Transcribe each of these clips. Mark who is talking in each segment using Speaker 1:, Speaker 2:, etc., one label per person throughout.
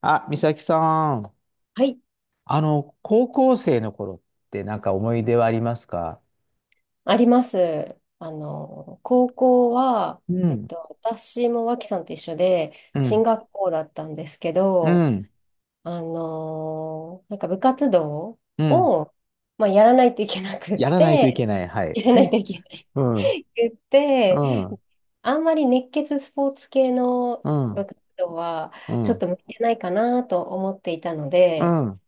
Speaker 1: あ、美咲さん、
Speaker 2: はい、
Speaker 1: 高校生の頃ってなんか思い出はありますか？
Speaker 2: あります。高校は、
Speaker 1: う
Speaker 2: えっ
Speaker 1: ん、
Speaker 2: と、私も脇さんと一緒で、
Speaker 1: うん、
Speaker 2: 進学校だったんですけ
Speaker 1: う
Speaker 2: ど、
Speaker 1: ん、
Speaker 2: なんか部活動
Speaker 1: うん。
Speaker 2: を、まあ、やらないといけなくっ
Speaker 1: やらないとい
Speaker 2: て、
Speaker 1: けない。はい。
Speaker 2: やらないといけな
Speaker 1: うん、
Speaker 2: いくっ
Speaker 1: うん、う
Speaker 2: て、
Speaker 1: ん、
Speaker 2: あんまり熱血スポーツ系の
Speaker 1: う
Speaker 2: 部
Speaker 1: ん、
Speaker 2: 活動は、
Speaker 1: う
Speaker 2: ちょっ
Speaker 1: ん、
Speaker 2: と向いてないかなと思っていたの
Speaker 1: う
Speaker 2: で、
Speaker 1: ん、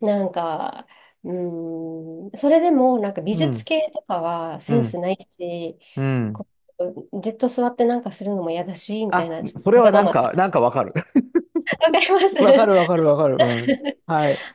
Speaker 2: なんか、それでもなんか美
Speaker 1: う
Speaker 2: 術
Speaker 1: ん、
Speaker 2: 系とかは
Speaker 1: う
Speaker 2: セン
Speaker 1: ん。
Speaker 2: スないし、
Speaker 1: うん。
Speaker 2: こう、じっと座ってなんかするのも嫌だし、みたい
Speaker 1: あ、
Speaker 2: な、ち
Speaker 1: そ
Speaker 2: ょ
Speaker 1: れ
Speaker 2: っと
Speaker 1: は
Speaker 2: わが
Speaker 1: なん
Speaker 2: ま
Speaker 1: か、
Speaker 2: ま。
Speaker 1: なんかわかる。
Speaker 2: わかりま
Speaker 1: わか
Speaker 2: す
Speaker 1: るわかるわかる。うん。はい。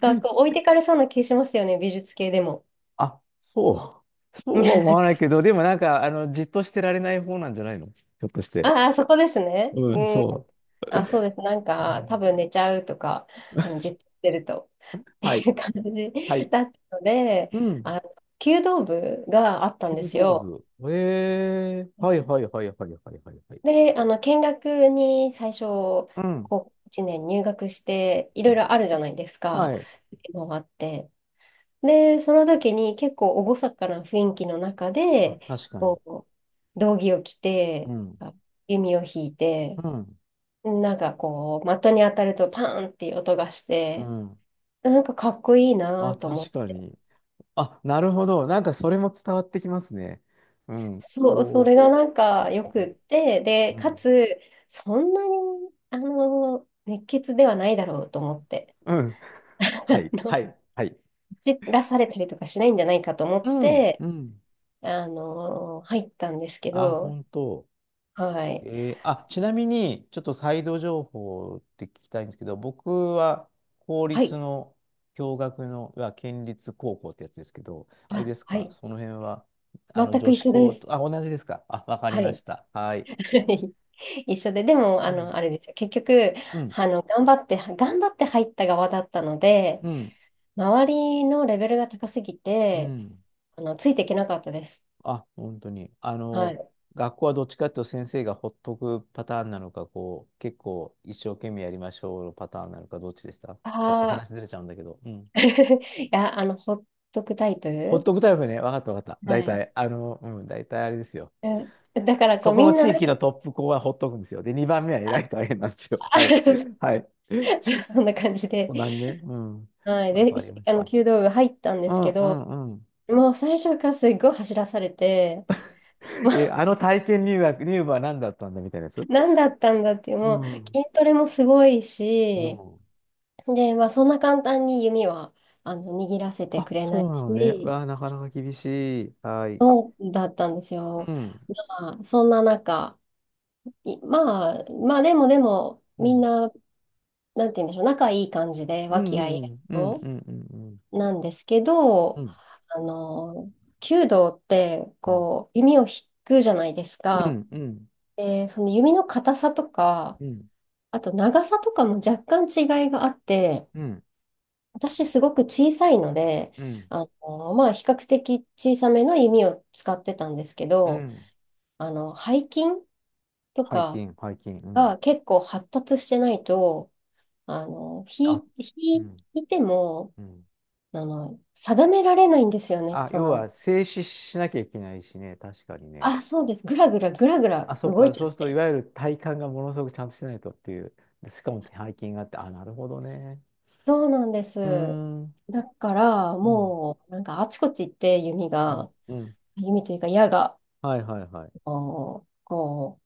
Speaker 2: な んかこう置いてかれそうな気しますよね、美術系でも。
Speaker 1: あ、そう。
Speaker 2: な
Speaker 1: そうは思
Speaker 2: ん
Speaker 1: わない
Speaker 2: か、
Speaker 1: けど、でもなんか、じっとしてられない方なんじゃないのひょっとして。
Speaker 2: ああ、そこですね。
Speaker 1: うん、
Speaker 2: うん。
Speaker 1: そ
Speaker 2: あ、そうです。なん
Speaker 1: う。う
Speaker 2: か、多
Speaker 1: ん。
Speaker 2: 分寝ちゃうとか、じ っとしてると、って
Speaker 1: はい。
Speaker 2: いう感じ
Speaker 1: はい。
Speaker 2: だったので、
Speaker 1: うん。
Speaker 2: 弓道部があったんで
Speaker 1: 弓
Speaker 2: す
Speaker 1: 道
Speaker 2: よ。
Speaker 1: 部。ええはいはいはいはいはいはいはい。
Speaker 2: で、見学に最初、
Speaker 1: うん。
Speaker 2: こう、1年入学して、いろいろあるじゃないですか。
Speaker 1: はい。
Speaker 2: 回って。で、その時に結構厳かな雰囲気の中
Speaker 1: あ、
Speaker 2: で、
Speaker 1: 確かに。
Speaker 2: こう、道着を着
Speaker 1: う
Speaker 2: て、
Speaker 1: ん。
Speaker 2: あ弓を引いて、
Speaker 1: うん。
Speaker 2: なんかこう、的に当たるとパーンっていう音がし
Speaker 1: う
Speaker 2: て、
Speaker 1: ん。
Speaker 2: なんかかっこいいな
Speaker 1: あ、
Speaker 2: と思
Speaker 1: 確
Speaker 2: っ
Speaker 1: か
Speaker 2: て。
Speaker 1: に。あ、なるほど。なんかそれも伝わってきますね。うん。
Speaker 2: そう、そ
Speaker 1: こ
Speaker 2: れがなんかよ
Speaker 1: う。う
Speaker 2: くって、で、
Speaker 1: ん。う
Speaker 2: か
Speaker 1: ん。
Speaker 2: つ、そんなに、熱血ではないだろうと思って。
Speaker 1: うん。
Speaker 2: あ
Speaker 1: はい。は
Speaker 2: の
Speaker 1: い。はい。
Speaker 2: 走らされたりとかしないんじゃないかと思
Speaker 1: う
Speaker 2: っ
Speaker 1: ん。
Speaker 2: て、
Speaker 1: うん。
Speaker 2: 入ったんですけ
Speaker 1: あ、
Speaker 2: ど、
Speaker 1: 本当。
Speaker 2: は
Speaker 1: え
Speaker 2: い。
Speaker 1: ちなみに、ちょっとサイド情報って聞きたいんですけど、僕は公
Speaker 2: は
Speaker 1: 立
Speaker 2: い。
Speaker 1: の共学の、いわゆる県立高校ってやつですけど、あれ
Speaker 2: あ、
Speaker 1: です
Speaker 2: は
Speaker 1: か、
Speaker 2: い。
Speaker 1: その辺は、
Speaker 2: 全
Speaker 1: 女
Speaker 2: く
Speaker 1: 子
Speaker 2: 一緒で
Speaker 1: 校
Speaker 2: す。
Speaker 1: と、あ、同じですか？あ、わかり
Speaker 2: は
Speaker 1: ま
Speaker 2: い。
Speaker 1: した。はい。
Speaker 2: 一緒で、でも、
Speaker 1: うん、
Speaker 2: あれですよ。結局、
Speaker 1: うん、
Speaker 2: 頑張って入った側だったので、
Speaker 1: うん、
Speaker 2: 周りのレベルが高すぎ
Speaker 1: う
Speaker 2: て、
Speaker 1: ん。
Speaker 2: ついていけなかったです。
Speaker 1: あ、本当に。
Speaker 2: はい。
Speaker 1: 学校はどっちかっていうと先生がほっとくパターンなのか、こう、結構一生懸命やりましょうのパターンなのか、どっちでした？ちょっと
Speaker 2: ああ、
Speaker 1: 話ずれちゃうんだけど。うん。
Speaker 2: いや、ほっとくタイ
Speaker 1: ホッ
Speaker 2: プ
Speaker 1: トクタイプね。わかったわかった。
Speaker 2: は
Speaker 1: 大
Speaker 2: い。
Speaker 1: 体、うん、大体あれですよ。
Speaker 2: うんだから、こ
Speaker 1: そ
Speaker 2: う、
Speaker 1: こ
Speaker 2: み
Speaker 1: の
Speaker 2: んな
Speaker 1: 地
Speaker 2: なん
Speaker 1: 域
Speaker 2: か、
Speaker 1: のトップ校はほっとくんですよ。で、2番目は偉い大変なんですよ。はい。はい。
Speaker 2: そう そんな感じで、
Speaker 1: こんなんね。うん。
Speaker 2: はい、
Speaker 1: わ
Speaker 2: で、
Speaker 1: かりました。
Speaker 2: 弓道部入ったんで
Speaker 1: う
Speaker 2: す
Speaker 1: ん
Speaker 2: け
Speaker 1: う
Speaker 2: ど、
Speaker 1: んうん。
Speaker 2: もう最初からすっごい走らされて、
Speaker 1: え、あの体験入学、入部は何だったんだみたいなやつ。
Speaker 2: 何だったんだっていう、
Speaker 1: う
Speaker 2: もう筋
Speaker 1: ん。
Speaker 2: トレもすごい
Speaker 1: う
Speaker 2: し、
Speaker 1: ん。
Speaker 2: で、まあ、そんな簡単に弓は握らせて
Speaker 1: あ、
Speaker 2: くれな
Speaker 1: そ
Speaker 2: い
Speaker 1: うなのね。
Speaker 2: し、
Speaker 1: わあ、なかなか厳しい。はい。
Speaker 2: そうだったんですよ。
Speaker 1: うん。
Speaker 2: まあ、そんな中、いまあ、まあ、でも、
Speaker 1: う
Speaker 2: みん
Speaker 1: ん。
Speaker 2: な、なんて言うんでしょう、仲いい感じで、
Speaker 1: う
Speaker 2: 和
Speaker 1: ん
Speaker 2: 気あい
Speaker 1: う
Speaker 2: あい
Speaker 1: んうん
Speaker 2: と。
Speaker 1: うんうん
Speaker 2: なんですけ
Speaker 1: う
Speaker 2: ど、
Speaker 1: んうん
Speaker 2: あの、弓道って、
Speaker 1: うん
Speaker 2: こう、弓を引くじゃないです
Speaker 1: う
Speaker 2: か。
Speaker 1: んうん
Speaker 2: で、その弓の硬さとか、
Speaker 1: うん
Speaker 2: あと長さとかも若干違いがあって、
Speaker 1: うん
Speaker 2: 私すごく小さいので、
Speaker 1: うんうん
Speaker 2: まあ、比較的小さめの弓を使ってたんですけ
Speaker 1: う
Speaker 2: ど、
Speaker 1: ん。
Speaker 2: 背筋と
Speaker 1: 背
Speaker 2: か
Speaker 1: 筋背筋うん。
Speaker 2: が結構発達してないと、
Speaker 1: あ、う
Speaker 2: 引
Speaker 1: ん、
Speaker 2: いても、
Speaker 1: うん。
Speaker 2: 定められないんですよね。
Speaker 1: あ、
Speaker 2: そ
Speaker 1: 要
Speaker 2: の、
Speaker 1: は静止しなきゃいけないしね、確かにね。
Speaker 2: あ、そうです。ぐらぐらぐらぐら
Speaker 1: あ、そう
Speaker 2: 動
Speaker 1: か、
Speaker 2: いちゃ
Speaker 1: そうす
Speaker 2: っ
Speaker 1: るとい
Speaker 2: て。
Speaker 1: わゆる体幹がものすごくちゃんとしてないとっていう、でしかも背筋があって、あ、なるほどね。
Speaker 2: そうなんです。
Speaker 1: うーん、
Speaker 2: だから、
Speaker 1: うん、
Speaker 2: もう、なんかあちこち行って、弓
Speaker 1: うん、
Speaker 2: が、
Speaker 1: うん。
Speaker 2: 弓というか矢が、
Speaker 1: はいはいはい。
Speaker 2: あのこ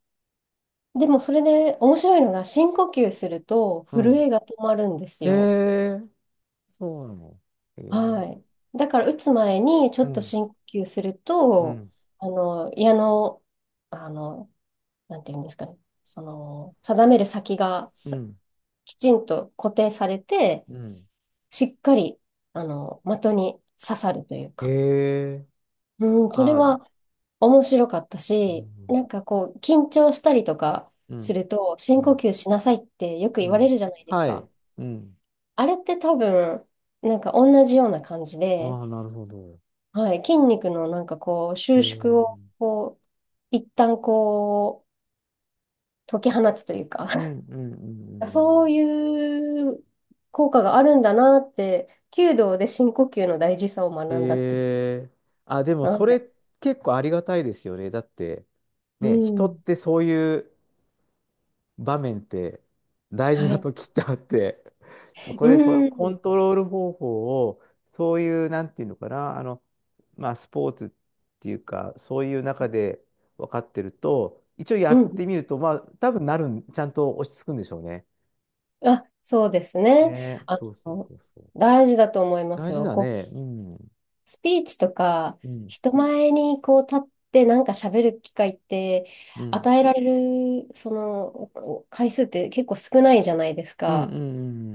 Speaker 2: でも、それで面白いのが、深呼吸すると、
Speaker 1: う
Speaker 2: 震
Speaker 1: ん。
Speaker 2: えが止まるんです
Speaker 1: へ
Speaker 2: よ。
Speaker 1: え、そうなの。へえ、
Speaker 2: はい。だから、打つ前に、ちょ
Speaker 1: う
Speaker 2: っと
Speaker 1: ん、
Speaker 2: 深呼吸する
Speaker 1: う
Speaker 2: と、
Speaker 1: ん、
Speaker 2: 矢の、あの、なんていうんですかね、その、定める先が
Speaker 1: う
Speaker 2: さ
Speaker 1: ん、
Speaker 2: きちんと固定されて、
Speaker 1: うん。
Speaker 2: しっかり、的に刺さるという
Speaker 1: へ
Speaker 2: か。
Speaker 1: え、
Speaker 2: うん、それ
Speaker 1: あ、
Speaker 2: は面白かった
Speaker 1: う
Speaker 2: し、
Speaker 1: ん、
Speaker 2: なんかこう、緊張したりとか
Speaker 1: う
Speaker 2: す
Speaker 1: ん、
Speaker 2: ると、
Speaker 1: う
Speaker 2: 深呼
Speaker 1: ん、
Speaker 2: 吸しなさいってよく
Speaker 1: う
Speaker 2: 言われ
Speaker 1: ん。
Speaker 2: るじゃないです
Speaker 1: は
Speaker 2: か。
Speaker 1: い、うん。
Speaker 2: あれって多分、なんか同じような感じで、
Speaker 1: ああ、なるほど。
Speaker 2: はい、筋肉のなんかこう、
Speaker 1: へ
Speaker 2: 収縮を、
Speaker 1: え。
Speaker 2: こう、一旦こう、解き放つというか、
Speaker 1: うんうんうんうん う
Speaker 2: そ
Speaker 1: ん。
Speaker 2: ういう効果があるんだなって、弓道で深呼吸の大事さを学んだっていう。
Speaker 1: えー、あ、でも
Speaker 2: は
Speaker 1: それ
Speaker 2: い
Speaker 1: 結構ありがたいですよね。だって、
Speaker 2: う
Speaker 1: ね、人っ
Speaker 2: ん。
Speaker 1: てそういう場面って大事
Speaker 2: は
Speaker 1: な
Speaker 2: い。
Speaker 1: 時ってあって、そこ
Speaker 2: う
Speaker 1: でそのコ
Speaker 2: ん。
Speaker 1: ントロール方法を、そういう、なんていうのかな、まあ、スポーツっていうか、そういう中で分かってると、一応や
Speaker 2: う
Speaker 1: っ
Speaker 2: ん。
Speaker 1: てみると、まあ、多分なるん、ちゃんと落ち着くんでしょうね。
Speaker 2: あ、そうですね。
Speaker 1: ね、
Speaker 2: あ
Speaker 1: そうそう
Speaker 2: の、
Speaker 1: そうそう。
Speaker 2: 大事だと思います
Speaker 1: 大事
Speaker 2: よ。
Speaker 1: だ
Speaker 2: こう、
Speaker 1: ね。うん。
Speaker 2: スピーチとか、
Speaker 1: うん。
Speaker 2: 人前にこう立ってなんか喋る機会って、
Speaker 1: うん。
Speaker 2: 与えられる、その、回数って結構少ないじゃないです
Speaker 1: うんうんう
Speaker 2: か。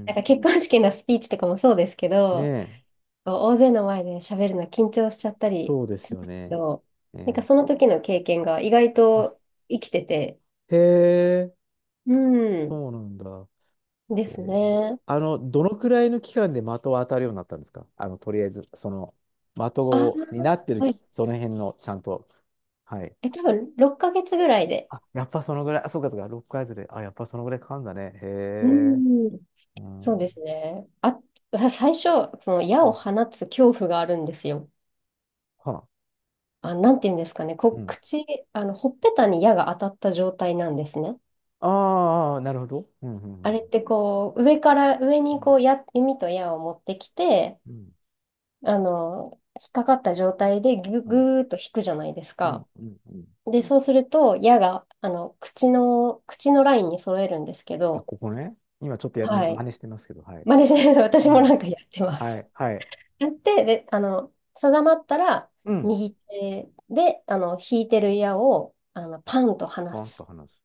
Speaker 1: んう
Speaker 2: なん
Speaker 1: ん。
Speaker 2: か結婚式のスピーチとかもそうですけ
Speaker 1: ね
Speaker 2: ど、
Speaker 1: え、
Speaker 2: こう大勢の前で喋るの緊張しちゃったり
Speaker 1: そうです
Speaker 2: しま
Speaker 1: よ
Speaker 2: すけ
Speaker 1: ね。
Speaker 2: ど、なんか
Speaker 1: ね
Speaker 2: そ
Speaker 1: え。
Speaker 2: の時の経験が意外
Speaker 1: あ、
Speaker 2: と生きてて、
Speaker 1: へえ、
Speaker 2: うん、
Speaker 1: そうなんだ。
Speaker 2: で
Speaker 1: え
Speaker 2: す
Speaker 1: ー、
Speaker 2: ね。
Speaker 1: あの、どのくらいの期間で的を当たるようになったんですか？あの、とりあえず、その、的
Speaker 2: あ
Speaker 1: をになってる
Speaker 2: あ、はい。
Speaker 1: き、その辺の、ちゃんと。はい。
Speaker 2: え、多分6ヶ月ぐらいで。
Speaker 1: あ、やっぱそのぐらい、あ、そうかそうか、6ヶずで、あ、やっぱそのぐらいかんだね。へ
Speaker 2: う
Speaker 1: え、
Speaker 2: ん。
Speaker 1: うん。う
Speaker 2: そうですね。最初、その矢を放
Speaker 1: ん。
Speaker 2: つ恐怖があるんですよ。
Speaker 1: はあ、
Speaker 2: あ、なんていうんですかね。こ
Speaker 1: う
Speaker 2: う、
Speaker 1: ん。
Speaker 2: 口、ほっぺたに矢が当たった状態なんですね。
Speaker 1: ああ、なるほど。うん、う
Speaker 2: あれっ
Speaker 1: ん、
Speaker 2: てこう、上から上
Speaker 1: う
Speaker 2: に
Speaker 1: ん。
Speaker 2: こう矢、弓と矢を持ってきて、
Speaker 1: うん、
Speaker 2: 引っかかった状態で
Speaker 1: うん、
Speaker 2: ぐーっと引くじゃないです
Speaker 1: うん、
Speaker 2: か。
Speaker 1: うん。うん。
Speaker 2: で、そうすると矢が、あの、口のラインに揃えるんですけ
Speaker 1: あ
Speaker 2: ど、
Speaker 1: ここね。今ちょっとや、ね、
Speaker 2: は
Speaker 1: 真
Speaker 2: い。
Speaker 1: 似してますけど、はい。
Speaker 2: 真似しないの
Speaker 1: う
Speaker 2: 私も
Speaker 1: ん。
Speaker 2: なんかやってま
Speaker 1: は
Speaker 2: す。
Speaker 1: い、はい。
Speaker 2: やって、で、定まったら、
Speaker 1: うん。
Speaker 2: 右手で、引いてる矢を、パンと離
Speaker 1: ポンと
Speaker 2: す。
Speaker 1: 話す。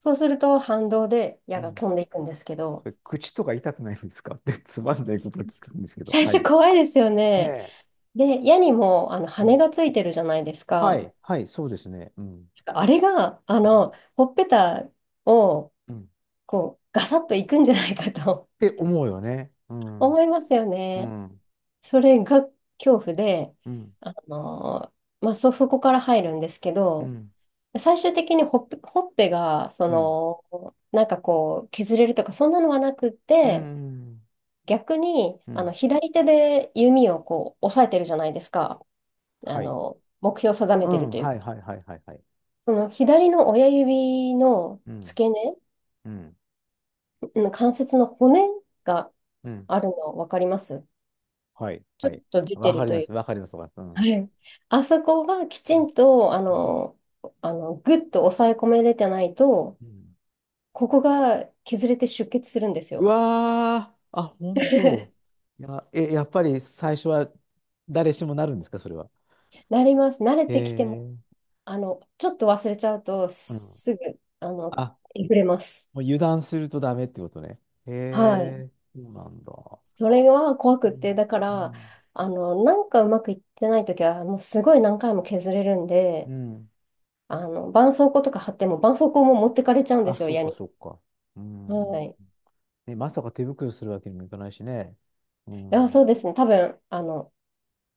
Speaker 2: そうすると、反動で矢
Speaker 1: う
Speaker 2: が
Speaker 1: ん。
Speaker 2: 飛んでいくんですけど、
Speaker 1: それ口とか痛くないんですかって つまんないことを聞くんですけど、
Speaker 2: 最
Speaker 1: は
Speaker 2: 初
Speaker 1: い。
Speaker 2: 怖いですよ
Speaker 1: ね
Speaker 2: ね。
Speaker 1: え。
Speaker 2: で、矢にも、
Speaker 1: う
Speaker 2: 羽
Speaker 1: ん。
Speaker 2: がついてるじゃないです
Speaker 1: は
Speaker 2: か。
Speaker 1: い、はい、そうですね。うん。
Speaker 2: あれが、
Speaker 1: うん。
Speaker 2: ほっぺたを、
Speaker 1: うん
Speaker 2: こう、ガサッといくんじゃないかと
Speaker 1: って思うよね。う ん。
Speaker 2: 思いますよ
Speaker 1: う
Speaker 2: ね。
Speaker 1: ん。
Speaker 2: それが恐怖で、
Speaker 1: うん。
Speaker 2: あの、まあ、そこから入るんですけ
Speaker 1: う
Speaker 2: ど、
Speaker 1: ん。
Speaker 2: 最終的にほっぺが、そ
Speaker 1: うん。
Speaker 2: の、なんかこう、削れるとか、そんなのはなくっ
Speaker 1: う
Speaker 2: て、
Speaker 1: ん。
Speaker 2: 逆に、
Speaker 1: うん。
Speaker 2: 左手で弓をこう、押さえてるじゃないですか。
Speaker 1: はい。
Speaker 2: 目標を定め
Speaker 1: う
Speaker 2: てる
Speaker 1: ん。
Speaker 2: という
Speaker 1: はい、
Speaker 2: か。
Speaker 1: はい、はい、はい、はい。
Speaker 2: その左の親指の
Speaker 1: うん。
Speaker 2: 付け根、
Speaker 1: うん。
Speaker 2: うん関節の骨が
Speaker 1: うん。
Speaker 2: あるの分かります
Speaker 1: はい、
Speaker 2: ちょ
Speaker 1: は
Speaker 2: っ
Speaker 1: い。
Speaker 2: と出て
Speaker 1: わか
Speaker 2: る
Speaker 1: り
Speaker 2: と
Speaker 1: ま
Speaker 2: い
Speaker 1: す。
Speaker 2: う
Speaker 1: わかります。わかりま
Speaker 2: は
Speaker 1: す。
Speaker 2: い。あそこがき
Speaker 1: う
Speaker 2: ち
Speaker 1: ん。
Speaker 2: ん
Speaker 1: う
Speaker 2: と、あ
Speaker 1: ん。うん。
Speaker 2: の、あの、ぐっと抑え込めれてないと、
Speaker 1: うん。
Speaker 2: ここが削れて出血するんです
Speaker 1: う
Speaker 2: よ。
Speaker 1: わー、あ、本当。いや、え、やっぱり最初は誰しもなるんですか、それは？
Speaker 2: なります。慣れ
Speaker 1: へ
Speaker 2: てきても、
Speaker 1: え、
Speaker 2: ちょっと忘れちゃうと、
Speaker 1: う
Speaker 2: す
Speaker 1: ん。
Speaker 2: すぐ、
Speaker 1: あ、
Speaker 2: 溢れます。
Speaker 1: もう油断するとダメってことね。へ
Speaker 2: はい。
Speaker 1: え、そうなんだ。
Speaker 2: それは怖
Speaker 1: う
Speaker 2: くっ
Speaker 1: ん。
Speaker 2: て、だか
Speaker 1: う
Speaker 2: ら、
Speaker 1: ん。
Speaker 2: なんかうまくいってないときは、もうすごい何回も削れるん
Speaker 1: う
Speaker 2: で、
Speaker 1: ん。
Speaker 2: 絆創膏とか貼っても、絆創膏も持ってかれちゃうんで
Speaker 1: あ、
Speaker 2: すよ、
Speaker 1: そう
Speaker 2: 矢
Speaker 1: か、
Speaker 2: に。
Speaker 1: そうか。うん。
Speaker 2: はい。い
Speaker 1: ね、まさか手袋するわけにもいかないしね。う
Speaker 2: や、
Speaker 1: ん。
Speaker 2: そうですね。多分、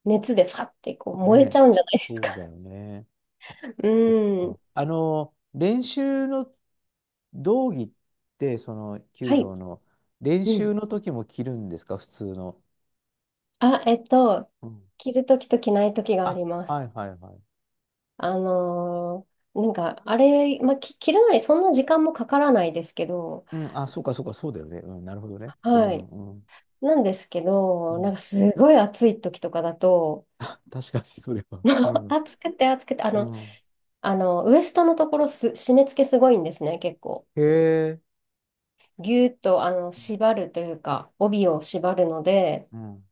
Speaker 2: 熱でファってこう燃えち
Speaker 1: ね、
Speaker 2: ゃうんじゃないですか。
Speaker 1: そうだよね。そっ
Speaker 2: う
Speaker 1: か。
Speaker 2: ん。
Speaker 1: 練習の道着ってその
Speaker 2: は
Speaker 1: 弓
Speaker 2: い。
Speaker 1: 道の練
Speaker 2: うん。
Speaker 1: 習の時も着るんですか、普通の？
Speaker 2: あ、
Speaker 1: うん。
Speaker 2: 着るときと着ないときがあ
Speaker 1: あ、
Speaker 2: ります。
Speaker 1: はいはいはい。
Speaker 2: あのなんか、あれ、まあ、着るのにそんな時間もかからないですけど、
Speaker 1: うん、あ、そうかそうか、そうだよね。うん、なるほどね。う
Speaker 2: は
Speaker 1: ん
Speaker 2: い。
Speaker 1: うん。
Speaker 2: なんですけ
Speaker 1: う
Speaker 2: ど、なん
Speaker 1: ん。
Speaker 2: かすごい暑いときとかだと、
Speaker 1: あ、確かにそれは。
Speaker 2: もう
Speaker 1: う ん。
Speaker 2: 暑くて、あ
Speaker 1: う
Speaker 2: の、
Speaker 1: ん。
Speaker 2: あの、ウエストのところ締め付けすごいんですね、結構。
Speaker 1: へえ。
Speaker 2: ぎゅーっと、縛るというか、帯を縛るので、
Speaker 1: うん。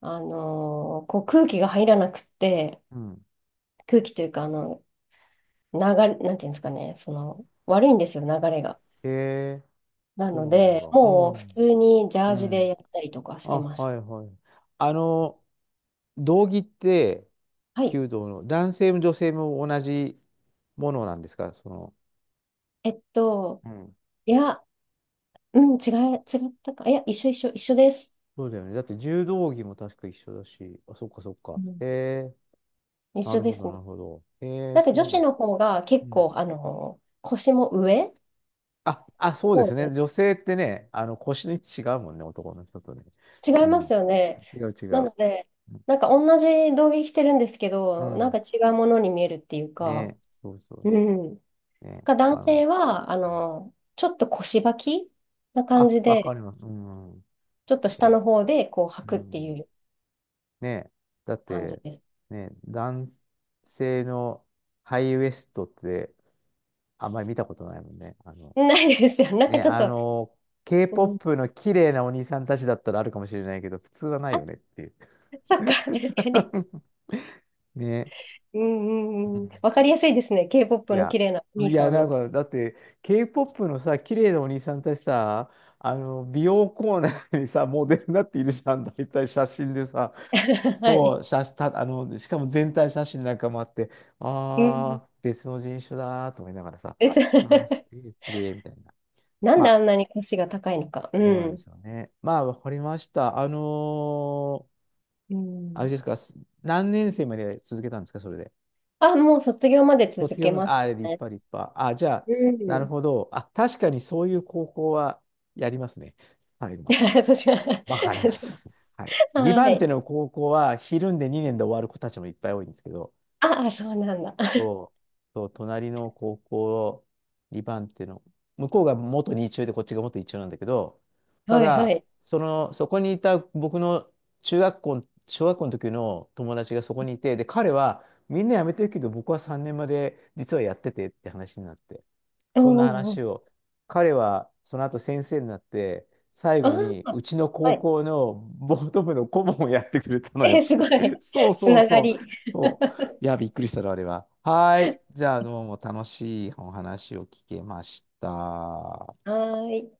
Speaker 2: こう空気が入らなくって、
Speaker 1: うん。
Speaker 2: 空気というか、流れ、なんていうんですかね、その、悪いんですよ、流れが。
Speaker 1: へえ。
Speaker 2: な
Speaker 1: そ
Speaker 2: の
Speaker 1: うなん
Speaker 2: で、
Speaker 1: だ。う
Speaker 2: もう普
Speaker 1: ん。
Speaker 2: 通にジャ
Speaker 1: う
Speaker 2: ージで
Speaker 1: ん。
Speaker 2: やったりとかし
Speaker 1: あ、
Speaker 2: てまし
Speaker 1: は
Speaker 2: た。
Speaker 1: いはい。あの、道着って、
Speaker 2: はい。
Speaker 1: 弓道の男性も女性も同じものなんですか、その？
Speaker 2: えっと、いや、うん、違ったか。いや、一緒です。
Speaker 1: そうだよね。だって柔道着も確か一緒だし、あ、そっかそっか。
Speaker 2: うん
Speaker 1: へえ、
Speaker 2: 一
Speaker 1: な
Speaker 2: 緒
Speaker 1: る
Speaker 2: で
Speaker 1: ほ
Speaker 2: す
Speaker 1: ど、
Speaker 2: ね。
Speaker 1: なるほど。へえ、
Speaker 2: なん
Speaker 1: そ
Speaker 2: か
Speaker 1: う
Speaker 2: 女
Speaker 1: な
Speaker 2: 子
Speaker 1: の。
Speaker 2: の方が
Speaker 1: う
Speaker 2: 結
Speaker 1: ん。
Speaker 2: 構、腰も上
Speaker 1: あ、あ、そうで
Speaker 2: そ
Speaker 1: す
Speaker 2: う
Speaker 1: ね。
Speaker 2: で
Speaker 1: 女性ってね、腰の位置違うもんね、男の人とね。
Speaker 2: 違い
Speaker 1: う
Speaker 2: ます
Speaker 1: ん。
Speaker 2: よね。
Speaker 1: 違う違
Speaker 2: な
Speaker 1: う。
Speaker 2: ので、
Speaker 1: う
Speaker 2: なんか同じ道着着てるんですけ
Speaker 1: ん。う
Speaker 2: ど、なん
Speaker 1: ん
Speaker 2: か違うものに見えるっていうか、
Speaker 1: ねそうそう
Speaker 2: う
Speaker 1: そ
Speaker 2: ん。
Speaker 1: う。ね
Speaker 2: か男
Speaker 1: あの、
Speaker 2: 性は、ちょっと腰履きな感
Speaker 1: あ、
Speaker 2: じ
Speaker 1: わか
Speaker 2: で、
Speaker 1: ります。うん。
Speaker 2: ちょっと下
Speaker 1: そ
Speaker 2: の方でこう履
Speaker 1: う。う
Speaker 2: くってい
Speaker 1: ん。
Speaker 2: う
Speaker 1: ねだっ
Speaker 2: 感じ
Speaker 1: て、
Speaker 2: です。
Speaker 1: ね男性のハイウエストってあんまり見たことないもんね。
Speaker 2: ないですよ。なんか
Speaker 1: ね、
Speaker 2: ちょっと、うん、
Speaker 1: K-POP の綺麗なお兄さんたちだったらあるかもしれないけど、普通はない
Speaker 2: あ、
Speaker 1: よねっていう。
Speaker 2: そっか、確かに。
Speaker 1: ね。
Speaker 2: うん
Speaker 1: う
Speaker 2: うんうん。
Speaker 1: ん。
Speaker 2: わかりやすいですね。
Speaker 1: い
Speaker 2: K-POP の
Speaker 1: や、
Speaker 2: 綺麗なお兄
Speaker 1: い
Speaker 2: さ
Speaker 1: や、
Speaker 2: ん
Speaker 1: なん
Speaker 2: の。
Speaker 1: か、だって、K-POP のさ、綺麗なお兄さんたちさ、美容コーナーにさ、モデルになっているじゃん、大体写真でさ。
Speaker 2: は
Speaker 1: そ
Speaker 2: い。
Speaker 1: う、写た、しかも全体写真なんかもあって、
Speaker 2: うん。
Speaker 1: あー、別の人種だーと思いながらさ、
Speaker 2: えっと
Speaker 1: あー、す げえ綺麗みたいな。
Speaker 2: なんで
Speaker 1: ま
Speaker 2: あんなに腰が高いのか。う
Speaker 1: どうなんで
Speaker 2: ん。
Speaker 1: しょうね。まあ、わかりました。
Speaker 2: う
Speaker 1: あれ
Speaker 2: ん。
Speaker 1: ですか、す何年生まで続けたんですか、それで？
Speaker 2: あ、もう卒業まで続
Speaker 1: 卒業
Speaker 2: け
Speaker 1: まで、
Speaker 2: まし
Speaker 1: あ、立
Speaker 2: たね。
Speaker 1: 派、立派。あ、じゃあ、
Speaker 2: う
Speaker 1: なる
Speaker 2: ん。
Speaker 1: ほど。あ、確かにそういう高校はやりますね。最後まで。
Speaker 2: 私は
Speaker 1: わかります。はい。
Speaker 2: は
Speaker 1: 2番手
Speaker 2: い。
Speaker 1: の高校は、ひるんで2年で終わる子たちもいっぱい多いんですけど、
Speaker 2: ああ、そうなんだ。
Speaker 1: そう、そう、隣の高校、2番っていうの、向こうが元2中でこっちが元1中なんだけど、た
Speaker 2: はいは
Speaker 1: だ、
Speaker 2: い。
Speaker 1: その、そこにいた僕の中学校、小学校の時の友達がそこにいて、で、彼はみんな辞めてるけど、僕は3年まで実はやっててって話になって、
Speaker 2: おー
Speaker 1: そんな
Speaker 2: おーおー。
Speaker 1: 話を、彼はその後先生になって、最
Speaker 2: あ
Speaker 1: 後にう
Speaker 2: あ。
Speaker 1: ちの
Speaker 2: は
Speaker 1: 高
Speaker 2: い。
Speaker 1: 校のボート部の顧問をやってくれたのよ。
Speaker 2: え、すごい。
Speaker 1: そう
Speaker 2: つ
Speaker 1: そう
Speaker 2: なが
Speaker 1: そう。
Speaker 2: り。
Speaker 1: そう、いや、びっくりしたな、あれは。はい。じゃあ、どうも楽しいお話を聞けました。
Speaker 2: はーい。